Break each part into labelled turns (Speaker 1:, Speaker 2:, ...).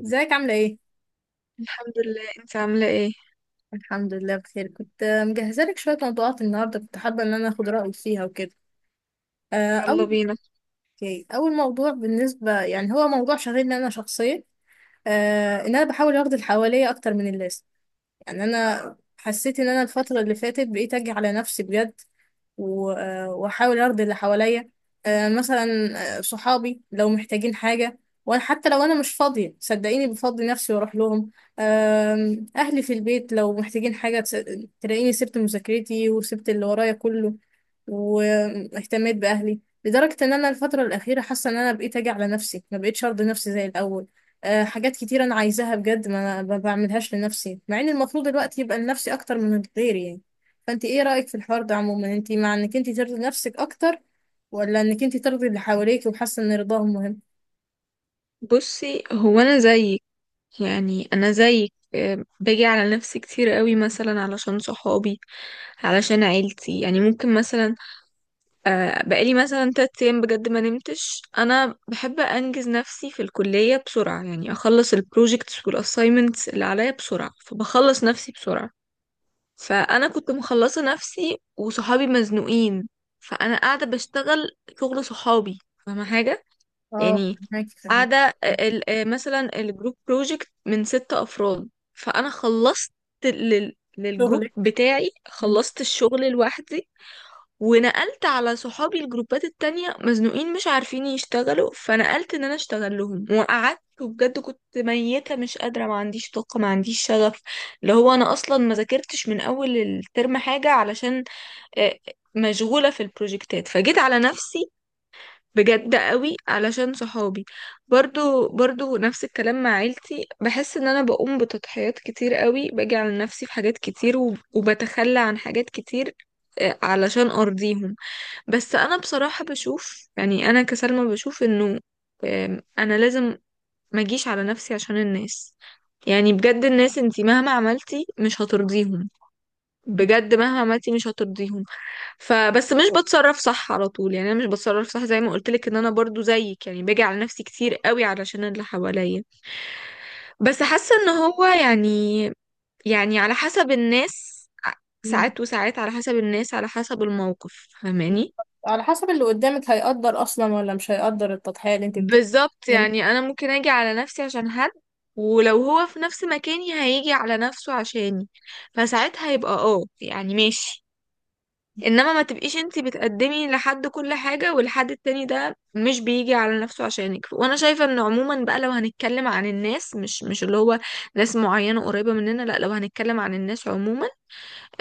Speaker 1: ازيك عاملة ايه؟
Speaker 2: الحمد لله، انت عاملة ايه؟
Speaker 1: الحمد لله بخير، كنت مجهزة لك شوية موضوعات النهاردة، كنت حابة ان انا اخد رأيك فيها وكده. آه،
Speaker 2: يلا
Speaker 1: اول
Speaker 2: بينا.
Speaker 1: اوكي، اول موضوع بالنسبة يعني هو موضوع شاغلني انا شخصيا. ان انا بحاول اخد اللي حواليا اكتر من اللازم. يعني انا حسيت ان انا الفترة اللي فاتت بقيت اجي على نفسي بجد واحاول ارضي اللي حواليا. آه، مثلا آه، صحابي لو محتاجين حاجة، وانا حتى لو انا مش فاضية صدقيني بفضي نفسي واروح لهم. اهلي في البيت لو محتاجين حاجة تلاقيني سبت مذاكرتي وسبت اللي ورايا كله، واهتميت باهلي. لدرجة ان انا الفترة الاخيرة حاسة ان انا بقيت اجي على نفسي، ما بقيتش ارضي نفسي زي الاول. حاجات كتير انا عايزاها بجد ما بعملهاش لنفسي، مع ان المفروض الوقت يبقى لنفسي اكتر من غيري يعني. فانت ايه رأيك في الحوار ده عموما؟ انت مع انك انت ترضي نفسك اكتر، ولا انك انت ترضي اللي حواليك وحاسه ان رضاهم مهم؟
Speaker 2: بصي، هو انا زيك. يعني انا زيك، باجي على نفسي كتير قوي، مثلا علشان صحابي، علشان عيلتي. يعني ممكن مثلا بقالي مثلا تلات ايام بجد ما نمتش. انا بحب انجز نفسي في الكلية بسرعة، يعني اخلص البروجيكتس والاساينمنتس اللي عليا بسرعة، فبخلص نفسي بسرعة. فانا كنت مخلصة نفسي وصحابي مزنوقين، فانا قاعدة بشتغل شغل صحابي. فاهمة حاجة؟
Speaker 1: اه،
Speaker 2: يعني
Speaker 1: فهماكي، فهماكي.
Speaker 2: قاعدة مثلا الجروب بروجكت من ست أفراد، فأنا خلصت للجروب
Speaker 1: شغلك.
Speaker 2: بتاعي، خلصت الشغل لوحدي. ونقلت على صحابي، الجروبات التانية مزنوقين مش عارفين يشتغلوا، فنقلت ان انا اشتغل لهم وقعدت. وبجد كنت ميتة، مش قادرة، ما عنديش طاقة، ما عنديش شغف، اللي هو انا اصلا ما ذاكرتش من اول الترم حاجة علشان آه، مشغولة في البروجكتات. فجيت على نفسي بجد قوي علشان صحابي. برضو نفس الكلام مع عيلتي، بحس ان انا بقوم بتضحيات كتير قوي، باجي على نفسي في حاجات كتير وبتخلى عن حاجات كتير علشان ارضيهم. بس انا بصراحة بشوف، يعني انا كسلمى بشوف انه انا لازم ما اجيش على نفسي عشان الناس. يعني بجد الناس، انتي مهما عملتي مش هترضيهم، بجد مهما عملتي مش هترضيهم. فبس مش بتصرف صح على طول. يعني انا مش بتصرف صح، زي ما قلت لك ان انا برضو زيك، يعني باجي على نفسي كتير قوي علشان اللي حواليا. بس حاسه ان هو، يعني يعني على حسب الناس،
Speaker 1: مم.
Speaker 2: ساعات وساعات على حسب الناس، على حسب الموقف. فاهماني؟
Speaker 1: على حسب اللي قدامك هيقدر اصلا ولا مش هيقدر التضحية اللي انت
Speaker 2: بالظبط،
Speaker 1: بتعملها.
Speaker 2: يعني انا ممكن اجي على نفسي عشان حد، ولو هو في نفس مكاني هيجي على نفسه عشاني، فساعتها يبقى اه يعني ماشي. انما ما تبقيش انتي بتقدمي لحد كل حاجة والحد التاني ده مش بيجي على نفسه عشانك. وانا شايفة ان عموما بقى، لو هنتكلم عن الناس، مش اللي هو ناس معينة قريبة مننا، لا، لو هنتكلم عن الناس عموما،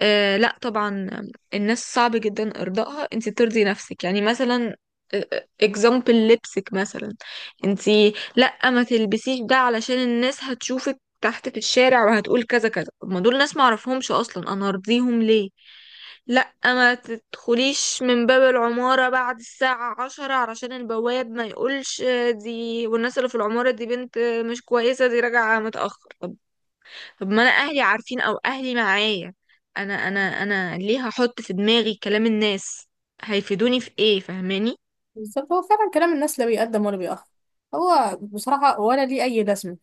Speaker 2: آه لا طبعا. الناس صعب جدا ارضائها. انت ترضي نفسك، يعني مثلا اكزامبل لبسك مثلا. انت، لا ما تلبسيش ده علشان الناس هتشوفك تحت في الشارع وهتقول كذا كذا. طب ما دول ناس ما اعرفهمش اصلا، انا ارضيهم ليه؟ لا ما تدخليش من باب العمارة بعد الساعة عشرة علشان البواب ما يقولش دي والناس اللي في العمارة دي بنت مش كويسة، دي راجعة متأخر. طب طب ما انا اهلي عارفين او اهلي معايا، انا ليه هحط في دماغي كلام الناس؟ هيفيدوني في ايه؟ فاهماني؟
Speaker 1: بالظبط، هو فعلا كلام الناس لا بيقدم ولا بيأخر. هو بصراحة ولا ليه أي لازمة.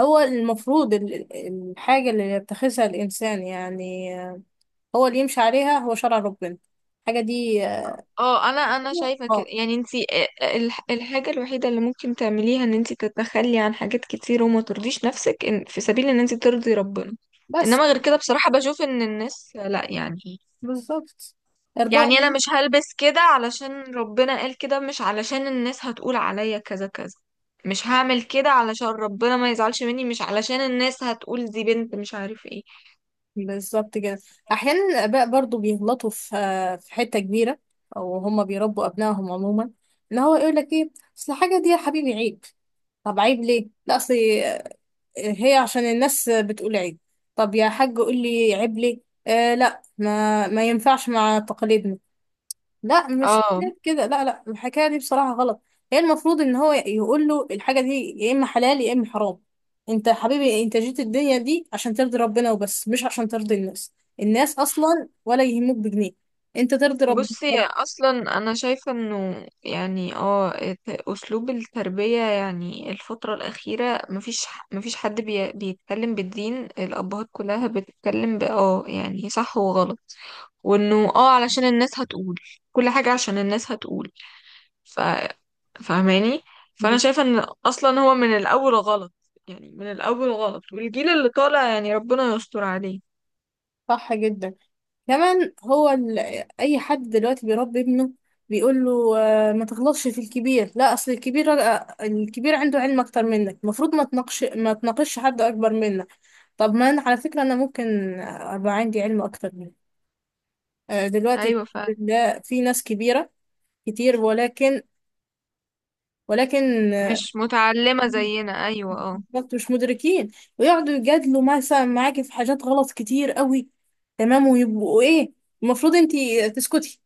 Speaker 1: هو المفروض الحاجة اللي يتخذها الإنسان، يعني هو اللي يمشي عليها هو شرع ربنا، الحاجة دي.
Speaker 2: اه انا، شايفه كده.
Speaker 1: اه،
Speaker 2: يعني انتي الحاجه الوحيده اللي ممكن تعمليها ان انتي تتخلي عن حاجات كتير وما ترضيش نفسك، إن في سبيل ان انتي ترضي ربنا.
Speaker 1: بس.
Speaker 2: انما غير كده بصراحه بشوف ان الناس لا يعني.
Speaker 1: بالظبط. إرضاء
Speaker 2: يعني انا مش
Speaker 1: النفس.
Speaker 2: هلبس كده علشان ربنا قال كده، مش علشان الناس هتقول عليا كذا كذا. مش هعمل كده علشان ربنا ما يزعلش مني، مش علشان الناس هتقول دي بنت مش عارف ايه.
Speaker 1: بالظبط كده. أحيانا الآباء برضو بيغلطوا في حتة كبيرة، أو هما بيربوا أبنائهم عموما إن هو يقول لك إيه؟ أصل الحاجة دي يا حبيبي عيب. طب عيب ليه؟ لا، أصل هي عشان الناس بتقول عيب. طب يا حاج قول لي عيب ليه؟ لا، ما ينفعش مع تقاليدنا. لا، مش
Speaker 2: اه
Speaker 1: كده، لا لا، الحكايه دي بصراحه غلط. هي المفروض ان هو يقول له الحاجه دي يا اما حلال يا اما حرام. انت يا حبيبي انت جيت الدنيا دي عشان ترضي ربنا وبس، مش عشان ترضي الناس. الناس اصلا ولا يهموك بجنيه، انت ترضي ربنا.
Speaker 2: بصي اصلا، انا شايفة انه يعني اه اسلوب التربية يعني الفترة الاخيرة مفيش حد بيتكلم بالدين. الابهات كلها بتتكلم اه يعني صح وغلط، وانه اه علشان الناس هتقول، كل حاجة عشان الناس هتقول. ف فاهماني؟ فانا شايفه ان اصلا هو من الاول غلط. يعني من الاول غلط، والجيل اللي طالع يعني ربنا يستر عليه.
Speaker 1: صح جدا. كمان هو اي حد دلوقتي بيربي ابنه بيقول له، ما تغلطش في الكبير، لا اصل الكبير الكبير عنده علم اكتر منك، المفروض ما تناقش حد اكبر منك. طب ما انا على فكره انا ممكن ابقى عندي علم اكتر منك. دلوقتي
Speaker 2: ايوه
Speaker 1: الحمد
Speaker 2: فعلا.
Speaker 1: لله في ناس كبيره كتير، ولكن
Speaker 2: مش متعلمه زينا، ايوه اه.
Speaker 1: بالظبط مش مدركين، ويقعدوا يجادلوا مثلا معاكي في حاجات غلط كتير قوي. تمام، ويبقوا ايه؟ المفروض انتي تسكتي،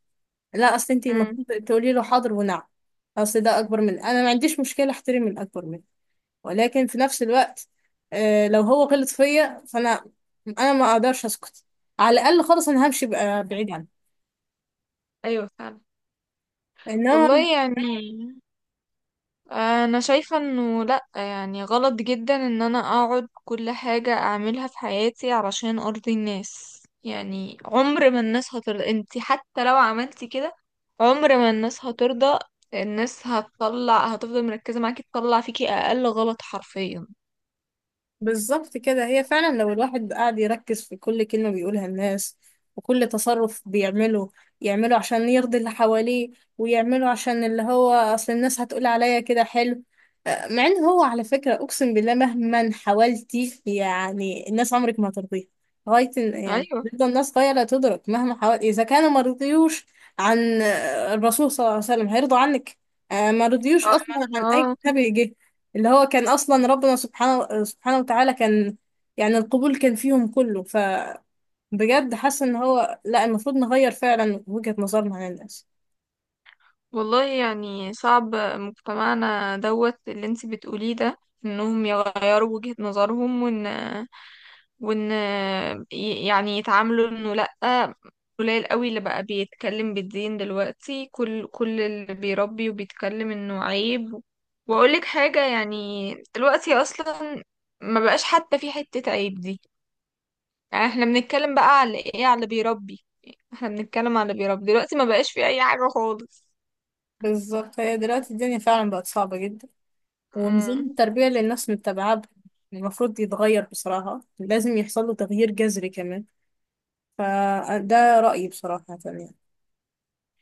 Speaker 1: لا اصل انت
Speaker 2: امم.
Speaker 1: المفروض تقولي له حاضر ونعم. اصل ده اكبر مني، انا ما عنديش مشكله احترم الاكبر مني، ولكن في نفس الوقت لو هو غلط فيا فانا انا ما اقدرش اسكت. على الاقل خالص انا همشي بقى بعيد عنه،
Speaker 2: ايوه فعلا.
Speaker 1: انما.
Speaker 2: والله يعني، انا شايفة انه لا يعني غلط جدا ان انا اقعد كل حاجة اعملها في حياتي علشان ارضي الناس. يعني عمر ما الناس هترضى، انت حتى لو عملتي كده، عمر ما الناس هترضى. الناس هتطلع، هتفضل مركزة معاكي تطلع فيكي اقل غلط حرفيا.
Speaker 1: بالظبط كده، هي فعلا لو الواحد قاعد يركز في كل كلمة بيقولها الناس، وكل تصرف بيعمله يعمله عشان يرضي اللي حواليه، ويعمله عشان اللي هو أصل الناس هتقول عليا كده حلو. مع إن هو على فكرة أقسم بالله مهما حاولتي يعني الناس عمرك ما هترضيها. يعني
Speaker 2: ايوه
Speaker 1: بتفضل الناس غاية لا تدرك مهما حاولت، إذا كانوا ما رضيوش عن الرسول صلى الله عليه وسلم هيرضوا عنك؟ ما رضيوش أصلا عن أي
Speaker 2: اه.
Speaker 1: نبي جه، اللي هو كان اصلا ربنا سبحانه سبحانه وتعالى كان يعني القبول كان فيهم كله، فبجد حاسه ان هو لا، المفروض نغير فعلا وجهة نظرنا عن الناس.
Speaker 2: والله يعني صعب مجتمعنا دوت اللي انت بتقوليه ده، انهم يغيروا وجهة نظرهم وان وان يعني يتعاملوا انه لأ. قليل قوي اللي بقى بيتكلم بالدين دلوقتي، كل اللي بيربي وبيتكلم انه عيب. واقولك حاجة، يعني دلوقتي اصلا ما بقاش حتى في حتة عيب دي. يعني احنا بنتكلم بقى على ايه؟ على اللي بيربي. احنا بنتكلم على اللي بيربي دلوقتي، ما بقاش في اي حاجة خالص.
Speaker 1: بالظبط، هي دلوقتي الدنيا فعلا بقت صعبة جدا، ونظام التربية اللي الناس متبعاه المفروض يتغير بصراحة، لازم يحصل له تغيير جذري كمان. فده رأيي بصراحة يعني.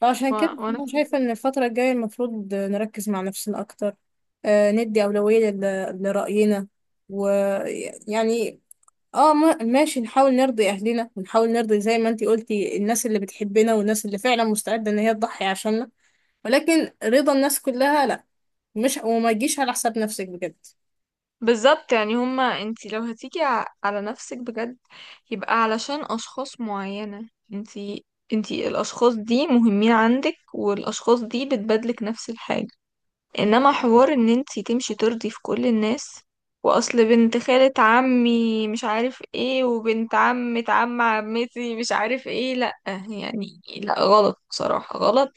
Speaker 1: فعشان
Speaker 2: و-
Speaker 1: كده
Speaker 2: وانا
Speaker 1: أنا شايفة إن الفترة الجاية المفروض نركز مع نفسنا أكتر، ندي أولوية لرأينا، ويعني اه، ماشي، نحاول نرضي اهلنا ونحاول نرضي زي ما انتي قلتي الناس اللي بتحبنا والناس اللي فعلا مستعدة ان هي تضحي عشاننا، ولكن رضا الناس كلها لا. مش وما تجيش على حساب نفسك بجد.
Speaker 2: بالظبط. يعني هما انتي لو هتيجي على نفسك بجد، يبقى علشان اشخاص معينة. انتي الاشخاص دي مهمين عندك، والاشخاص دي بتبادلك نفس الحاجة. انما حوار ان انتي تمشي ترضي في كل الناس، واصل بنت خالة عمي مش عارف ايه، وبنت عمة عم عمتي مش عارف ايه، لا. يعني لا غلط بصراحة، غلط.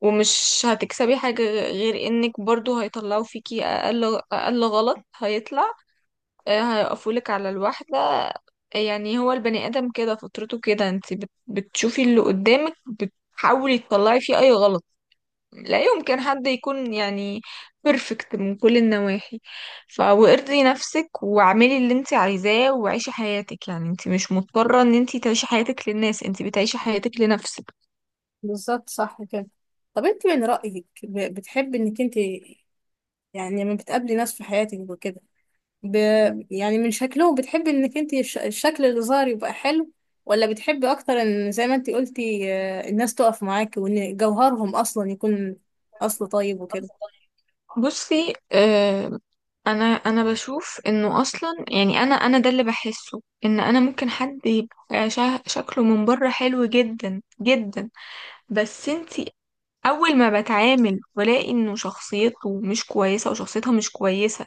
Speaker 2: ومش هتكسبي حاجة غير انك برضو هيطلعوا فيكي اقل غلط. هيطلع هيقفولك على الواحدة. يعني هو البني ادم كده فطرته كده، انت بتشوفي اللي قدامك بتحاولي تطلعي فيه اي غلط. لا يمكن حد يكون يعني بيرفكت من كل النواحي. وارضي نفسك واعملي اللي انت عايزاه وعيشي حياتك. يعني انت مش مضطرة ان انت تعيشي حياتك للناس، انت بتعيشي حياتك لنفسك.
Speaker 1: بالظبط، صح كده. طب انت من رأيك بتحبي انك انت، يعني لما بتقابلي ناس في حياتك وكده، ب... يعني من شكلهم بتحبي انك انت الشكل اللي ظاهر يبقى حلو، ولا بتحبي اكتر ان زي ما انت قلتي الناس تقف معاك وان جوهرهم اصلا يكون اصل طيب وكده؟
Speaker 2: بصي آه، انا بشوف انه اصلا يعني، انا ده اللي بحسه، ان انا ممكن حد يبقى شكله من بره حلو جدا جدا، بس انت اول ما بتعامل والاقي انه شخصيته مش كويسة وشخصيتها مش كويسة،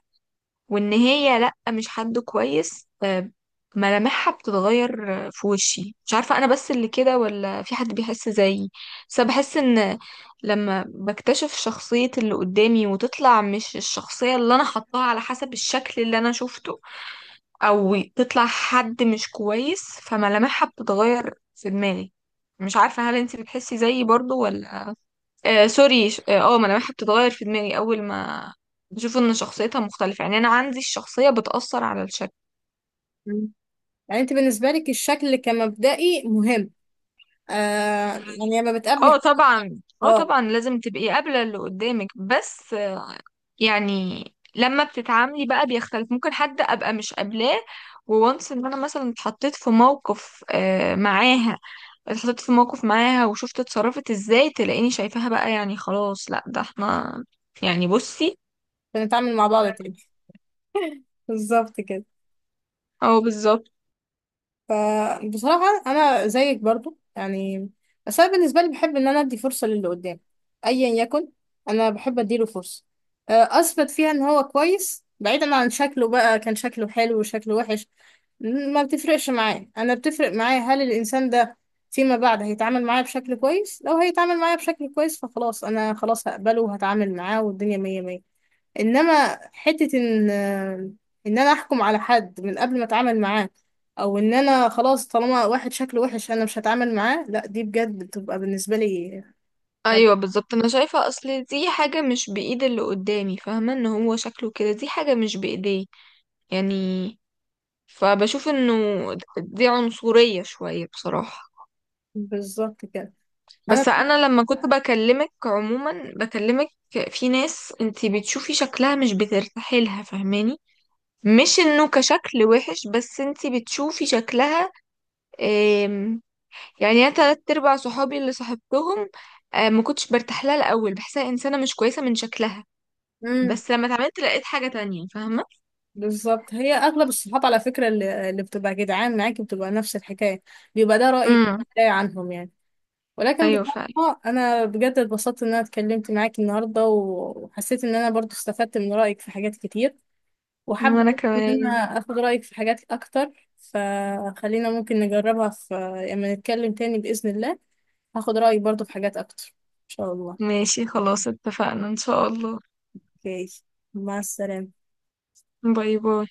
Speaker 2: وان هي لا مش حد كويس، ملامحها بتتغير في وشي. مش عارفة انا بس اللي كده ولا في حد بيحس زيي، بس أنا بحس ان لما بكتشف شخصية اللي قدامي وتطلع مش الشخصية اللي انا حطاها على حسب الشكل اللي انا شفته، او تطلع حد مش كويس، فملامحها بتتغير في دماغي. مش عارفة هل انتي بتحسي زيي برضو ولا. آه سوري، ما انا بحب تتغير في دماغي اول ما بشوف ان شخصيتها مختلفة. يعني انا عندي الشخصية بتأثر على الشكل.
Speaker 1: يعني انت بالنسبه لك الشكل كمبدئي مهم؟ آه. يعني لما
Speaker 2: اه
Speaker 1: بتقابلي.
Speaker 2: طبعا، اه
Speaker 1: اه.
Speaker 2: طبعا لازم تبقي قابلة اللي قدامك، بس يعني لما بتتعاملي بقى بيختلف. ممكن حد ابقى مش قابلاه وونس ان انا مثلا اتحطيت في موقف معاها، اتحطيت في موقف معاها وشفت اتصرفت ازاي، تلاقيني شايفاها بقى يعني خلاص لا ده احنا يعني. بصي
Speaker 1: بنتعامل مع بعض تاني بالظبط كده.
Speaker 2: اه بالظبط.
Speaker 1: فبصراحة أنا زيك برضو يعني، بس أنا بالنسبة لي بحب إن أنا أدي فرصة للي قدام أيا يكن. أنا بحب أديله فرصة أثبت فيها إن هو كويس بعيدا عن شكله، بقى كان شكله حلو وشكله وحش ما بتفرقش معايا. أنا بتفرق معايا هل الإنسان ده فيما بعد هيتعامل معايا بشكل كويس، لو هيتعامل معايا بشكل كويس فخلاص، أنا خلاص هقبله وهتعامل معاه والدنيا مية مية. انما حتة ان انا احكم على حد من قبل ما اتعامل معاه، او ان انا خلاص طالما واحد شكله وحش انا مش هتعامل معاه، لا دي بجد بتبقى بالنسبة لي. خد-
Speaker 2: ايوه بالظبط، انا شايفه اصل دي حاجه مش بايد اللي قدامي، فاهمه ان هو شكله كده دي حاجه مش بايديه يعني. فبشوف انه دي عنصريه شويه بصراحه.
Speaker 1: بالظبط كده. انا.
Speaker 2: بس انا لما كنت بكلمك عموما بكلمك، في ناس انتي بتشوفي شكلها مش بترتاحي لها. فاهماني؟ مش انه كشكل وحش، بس انتي بتشوفي شكلها. آم، يعني انا تلات ارباع صحابي اللي صاحبتهم ما كنتش برتاح لها الاول، بحسها انسانه مش كويسه من شكلها،
Speaker 1: امم.
Speaker 2: بس لما اتعملت لقيت حاجة تانية. فاهمة؟
Speaker 1: بالظبط، هي اغلب الصحاب على فكرة اللي بتبقى جدعان معاكي بتبقى نفس الحكاية. بيبقى ده رأيك
Speaker 2: امم.
Speaker 1: ده عنهم يعني. ولكن
Speaker 2: ايوه فعلا.
Speaker 1: بصراحة انا بجد اتبسطت ان انا اتكلمت معاكي النهاردة، وحسيت ان انا برضو استفدت من رأيك في حاجات كتير، وحابة
Speaker 2: وانا
Speaker 1: أعرف إن
Speaker 2: كمان.
Speaker 1: أنا أخد رأيك في حاجات أكتر. فخلينا ممكن نجربها في، لما نتكلم تاني بإذن الله هاخد رأيك برضو في حاجات أكتر إن شاء الله.
Speaker 2: ماشي خلاص، اتفقنا ان شاء الله.
Speaker 1: أوكي، مع السلامة.
Speaker 2: باي باي.